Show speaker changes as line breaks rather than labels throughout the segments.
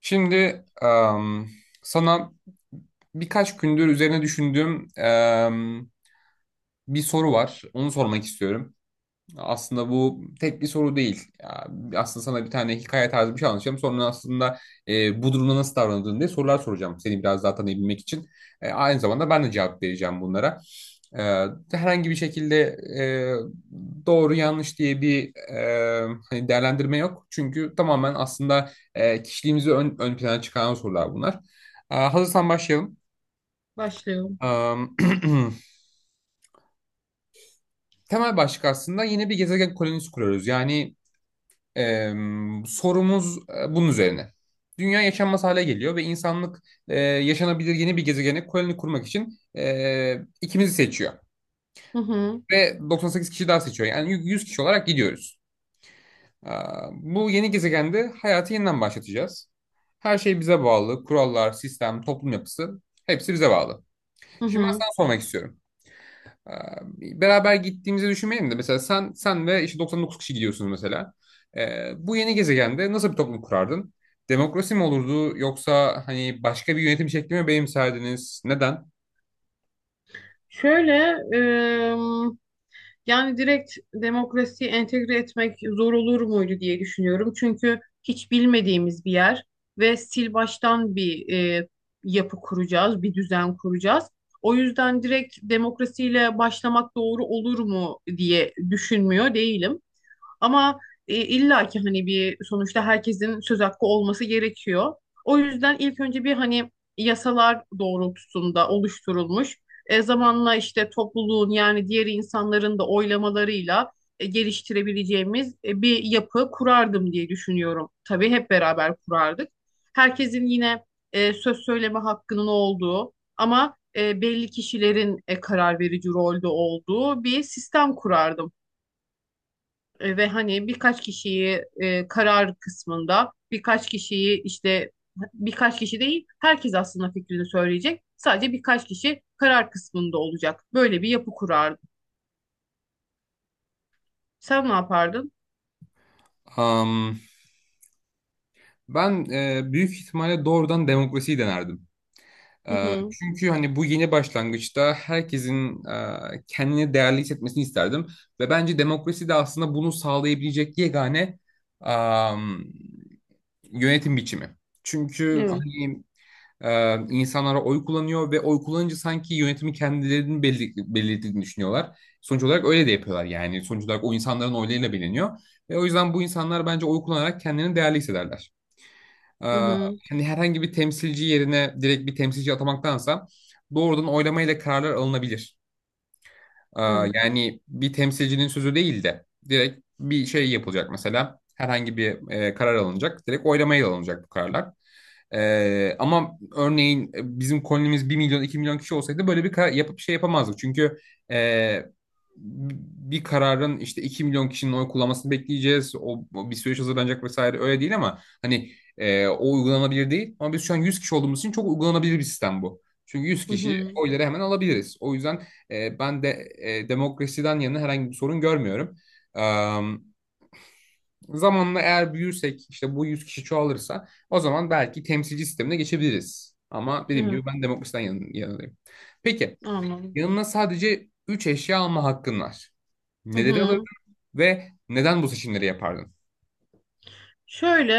Şimdi sana birkaç gündür üzerine düşündüğüm bir soru var. Onu sormak istiyorum. Aslında bu tek bir soru değil. Ya, aslında sana bir tane hikaye tarzı bir şey anlatacağım. Sonra aslında bu durumda nasıl davrandığını diye sorular soracağım. Seni biraz daha tanıyabilmek için. Aynı zamanda ben de cevap vereceğim bunlara. E, Herhangi bir şekilde doğru yanlış diye bir hani değerlendirme yok. Çünkü tamamen aslında kişiliğimizi ön plana çıkaran sorular bunlar. Hazırsan başlayalım.
Başlıyorum.
E, Temel başlık aslında yine bir gezegen kolonisi kuruyoruz. Yani Ee, sorumuz bunun üzerine. Dünya yaşanmaz hale geliyor ve insanlık yaşanabilir yeni bir gezegene koloni kurmak için ikimizi seçiyor.
Hı hı,
Ve 98 kişi daha seçiyor. Yani 100 kişi olarak gidiyoruz. Bu yeni gezegende hayatı yeniden başlatacağız. Her şey bize bağlı. Kurallar, sistem, toplum yapısı hepsi bize bağlı.
hı
Şimdi ben
hı.
sana sormak istiyorum. Ee, Beraber gittiğimizi düşünmeyelim de mesela sen ve işte 99 kişi gidiyorsunuz mesela. Bu yeni gezegende nasıl bir toplum kurardın? Demokrasi mi olurdu yoksa hani başka bir yönetim şekli mi benimserdiniz? Neden?
Şöyle, ım, Yani direkt demokrasiyi entegre etmek zor olur muydu diye düşünüyorum. Çünkü hiç bilmediğimiz bir yer ve sil baştan bir e, yapı kuracağız, bir düzen kuracağız. O yüzden direkt demokrasiyle başlamak doğru olur mu diye düşünmüyor değilim. Ama illa ki hani bir sonuçta herkesin söz hakkı olması gerekiyor. O yüzden ilk önce bir hani yasalar doğrultusunda oluşturulmuş. Zamanla işte topluluğun yani diğer insanların da oylamalarıyla geliştirebileceğimiz bir yapı kurardım diye düşünüyorum. Tabii hep beraber kurardık. Herkesin yine söz söyleme hakkının olduğu ama belli kişilerin karar verici rolde olduğu bir sistem kurardım. Ve hani birkaç kişiyi e, karar kısmında birkaç kişiyi işte birkaç kişi değil herkes aslında fikrini söyleyecek. Sadece birkaç kişi karar kısmında olacak. Böyle bir yapı kurardım. Sen ne yapardın?
Am, ben büyük ihtimalle doğrudan demokrasiyi denerdim.
Hı hı.
Çünkü hani bu yeni başlangıçta herkesin kendini değerli hissetmesini isterdim. Ve bence demokrasi de aslında bunu sağlayabilecek yegane am, yönetim biçimi. Çünkü
Evet.
hani insanlara oy kullanıyor ve oy kullanınca sanki yönetimi kendilerinin belirlediğini düşünüyorlar. Sonuç olarak öyle de yapıyorlar yani. Sonuç olarak o insanların oylarıyla biliniyor. Ve o yüzden bu insanlar bence oy kullanarak kendilerini değerli hissederler. E,
Hı hı.
Hani herhangi bir temsilci yerine direkt bir temsilci atamaktansa doğrudan oylamayla kararlar alınabilir.
Evet.
Yani bir temsilcinin sözü değil de direkt bir şey yapılacak mesela. Herhangi bir karar alınacak. Direkt oylamaya alınacak bu kararlar. Ama örneğin bizim kolonimiz 1 milyon 2 milyon kişi olsaydı böyle bir karar yapıp şey yapamazdık. Çünkü e, bir kararın işte 2 milyon kişinin oy kullanmasını bekleyeceğiz. O bir süreç hazırlanacak vesaire öyle değil ama hani o uygulanabilir değil. Ama biz şu an 100 kişi olduğumuz için çok uygulanabilir bir sistem bu. Çünkü yüz
Hı
kişi
hı.
oyları hemen alabiliriz. O yüzden ben de demokrasiden yana herhangi bir sorun görmüyorum. E, Zamanla eğer büyürsek işte bu 100 kişi çoğalırsa o zaman belki temsilci sistemine geçebiliriz. Ama dediğim
Evet.
gibi ben demokrasiden yanındayım. Peki
Anladım.
yanına sadece 3 eşya alma hakkın var.
Hı
Neleri alırdın
hı.
ve neden bu seçimleri yapardın?
Şöyle,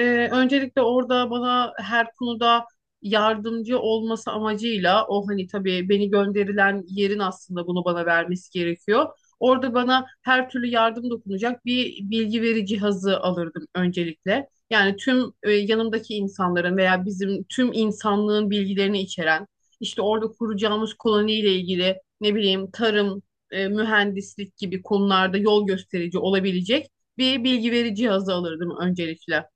Öncelikle orada bana her konuda yardımcı olması amacıyla o hani tabii beni gönderilen yerin aslında bunu bana vermesi gerekiyor. Orada bana her türlü yardım dokunacak bir bilgi veri cihazı alırdım öncelikle. Yani tüm yanımdaki insanların veya bizim tüm insanlığın bilgilerini içeren, işte orada kuracağımız koloniyle ilgili ne bileyim tarım, mühendislik gibi konularda yol gösterici olabilecek bir bilgi veri cihazı alırdım öncelikle.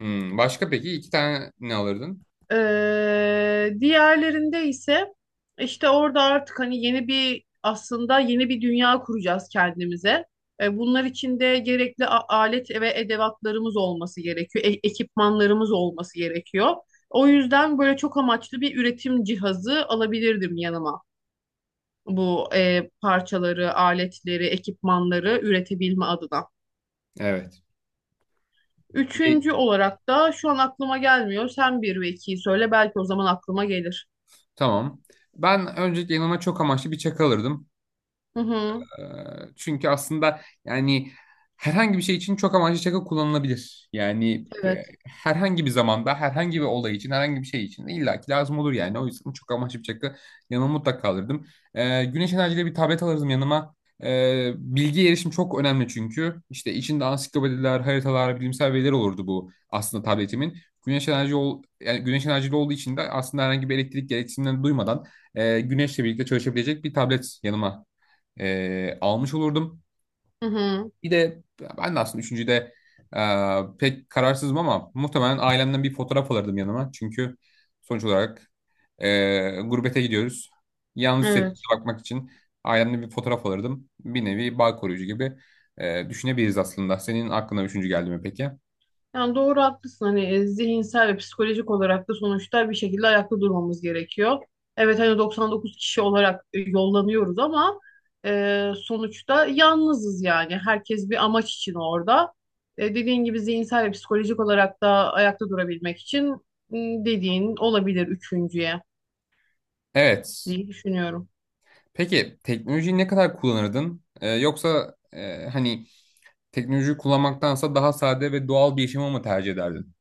Hmm, başka peki iki tane ne alırdın?
Diğerlerinde ise işte orada artık hani yeni bir aslında yeni bir dünya kuracağız kendimize. Bunlar için de gerekli alet ve edevatlarımız olması gerekiyor, ekipmanlarımız olması gerekiyor. O yüzden böyle çok amaçlı bir üretim cihazı alabilirdim yanıma. Bu parçaları, aletleri, ekipmanları üretebilme adına.
Evet. Bir-
Üçüncü olarak da şu an aklıma gelmiyor. Sen bir ve ikiyi söyle. Belki o zaman aklıma gelir.
Tamam. Ben öncelikle yanıma çok amaçlı bir çakı alırdım.
Hı hı.
Ee, Çünkü aslında yani herhangi bir şey için çok amaçlı şaka kullanılabilir. Yani
Evet.
herhangi bir zamanda, herhangi bir olay için, herhangi bir şey için de illaki lazım olur yani. O yüzden çok amaçlı bir şaka yanıma mutlaka alırdım. Güneş enerjili bir tablet alırdım yanıma. Bilgi erişim çok önemli çünkü. İşte içinde ansiklopediler, haritalar, bilimsel veriler olurdu bu aslında tabletimin. Yani güneş enerjili olduğu için de aslında herhangi bir elektrik gereksinimlerini duymadan güneşle birlikte çalışabilecek bir tablet yanıma almış olurdum.
Hı hı.
Bir de ben de aslında üçüncüde pek kararsızım ama muhtemelen ailemden bir fotoğraf alırdım yanıma. Çünkü sonuç olarak gurbete gidiyoruz. Yalnız hissettiğimize
Evet.
bakmak için ailemden bir fotoğraf alırdım. Bir nevi bağ koruyucu gibi düşünebiliriz aslında. Senin aklına üçüncü geldi mi peki?
Yani doğru haklısın. Hani zihinsel ve psikolojik olarak da sonuçta bir şekilde ayakta durmamız gerekiyor. Evet hani 99 kişi olarak yollanıyoruz ama sonuçta yalnızız yani. Herkes bir amaç için orada. Dediğin gibi zihinsel ve psikolojik olarak da ayakta durabilmek için dediğin olabilir üçüncüye
Evet.
diye düşünüyorum.
Peki teknolojiyi ne kadar kullanırdın? Yoksa hani teknolojiyi kullanmaktansa daha sade ve doğal bir yaşamı mı tercih ederdin?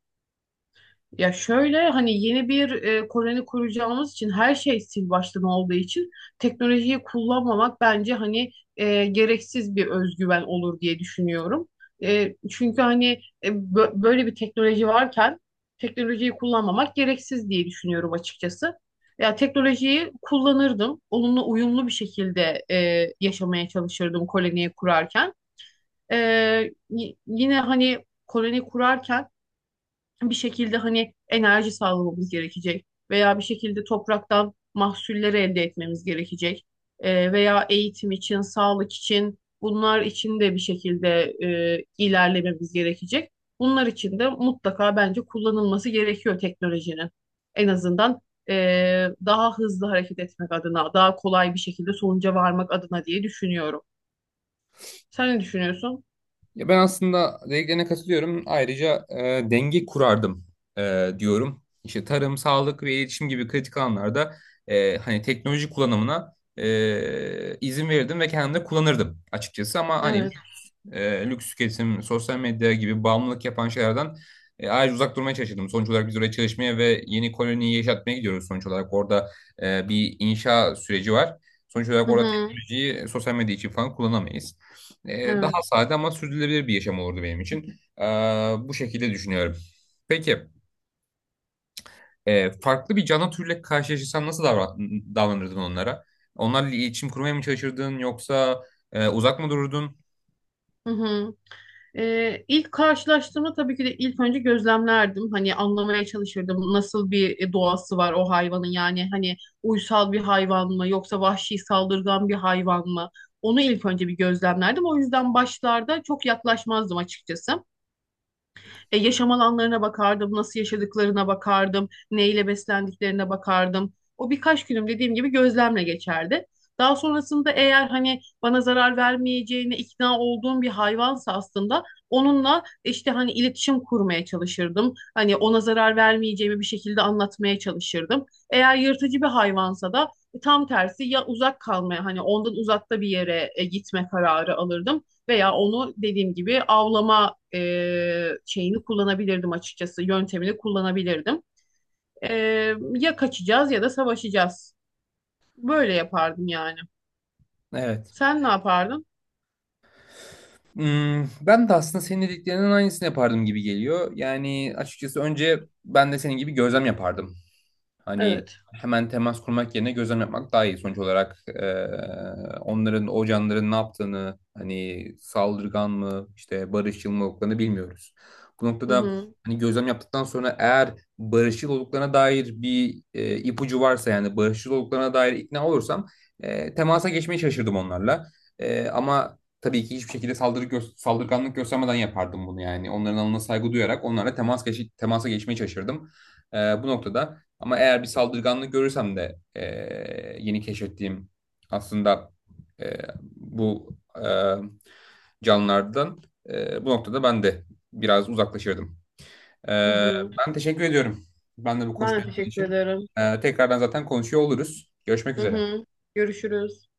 Ya şöyle hani yeni bir koloni kuracağımız için her şey sil baştan olduğu için teknolojiyi kullanmamak bence hani gereksiz bir özgüven olur diye düşünüyorum. Çünkü hani böyle bir teknoloji varken teknolojiyi kullanmamak gereksiz diye düşünüyorum açıkçası. Ya teknolojiyi kullanırdım. Onunla uyumlu bir şekilde yaşamaya çalışırdım koloniyi kurarken. E, Yine hani koloni kurarken bir şekilde hani enerji sağlamamız gerekecek veya bir şekilde topraktan mahsulleri elde etmemiz gerekecek. Veya eğitim için, sağlık için bunlar için de bir şekilde ilerlememiz gerekecek. Bunlar için de mutlaka bence kullanılması gerekiyor teknolojinin. En azından e, daha hızlı hareket etmek adına, daha kolay bir şekilde sonuca varmak adına diye düşünüyorum. Sen ne düşünüyorsun?
Ya ben aslında dediklerine katılıyorum. Ayrıca denge kurardım diyorum. İşte tarım, sağlık ve iletişim gibi kritik alanlarda hani teknoloji kullanımına izin verirdim ve kendim de kullanırdım açıkçası. Ama hani
Evet.
lüks tüketim, sosyal medya gibi bağımlılık yapan şeylerden ayrıca uzak durmaya çalışırdım. Sonuç olarak biz oraya çalışmaya ve yeni koloniyi yaşatmaya gidiyoruz sonuç olarak. Orada bir inşa süreci var. Sonuç olarak
Hı
orada
hı.
teknolojiyi sosyal medya için falan kullanamayız. Daha
Evet.
sade ama sürdürülebilir bir yaşam olurdu benim için. Bu şekilde düşünüyorum. Peki, farklı bir canlı türle karşılaşırsan nasıl davranırdın onlara? Onlarla iletişim kurmaya mı çalışırdın yoksa uzak mı dururdun?
Hı hı. İlk karşılaştığımda tabii ki de ilk önce gözlemlerdim. Hani anlamaya çalışırdım nasıl bir doğası var o hayvanın yani hani uysal bir hayvan mı yoksa vahşi saldırgan bir hayvan mı? Onu ilk önce bir gözlemlerdim. O yüzden başlarda çok yaklaşmazdım açıkçası. Yaşam alanlarına bakardım, nasıl yaşadıklarına bakardım, neyle beslendiklerine bakardım. O birkaç günüm dediğim gibi gözlemle geçerdi. Daha sonrasında eğer hani bana zarar vermeyeceğine ikna olduğum bir hayvansa aslında onunla işte hani iletişim kurmaya çalışırdım. Hani ona zarar vermeyeceğimi bir şekilde anlatmaya çalışırdım. Eğer yırtıcı bir hayvansa da tam tersi ya uzak kalmaya hani ondan uzakta bir yere gitme kararı alırdım veya onu dediğim gibi avlama şeyini kullanabilirdim açıkçası. Yöntemini kullanabilirdim. E, Ya kaçacağız ya da savaşacağız. Böyle yapardım yani.
Evet.
Sen ne yapardın?
Hmm, ben de aslında senin dediklerinin aynısını yapardım gibi geliyor. Yani açıkçası önce ben de senin gibi gözlem yapardım. Hani
Evet.
hemen temas kurmak yerine gözlem yapmak daha iyi. Sonuç olarak onların, o canların ne yaptığını, hani saldırgan mı, işte barışçıl mı olduklarını bilmiyoruz. Bu
Hı
noktada
hı.
hani gözlem yaptıktan sonra eğer barışçıl olduklarına dair bir ipucu varsa yani barışçıl olduklarına dair ikna olursam temasa geçmeye şaşırdım onlarla. Ama tabii ki hiçbir şekilde saldırganlık göstermeden yapardım bunu yani. Onların alanına saygı duyarak onlarla temasa geçmeye çalışırdım. Ee, Bu noktada ama eğer bir saldırganlık görürsem de yeni keşfettiğim aslında e, bu canlılardan bu noktada ben de biraz uzaklaşırdım. E,
Hı hı.
Ben teşekkür ediyorum. Ben de bu
Ben de
konuşmayı yaptığın
teşekkür
için.
ederim.
Tekrardan zaten konuşuyor oluruz. Görüşmek
Hı
üzere.
hı. Görüşürüz.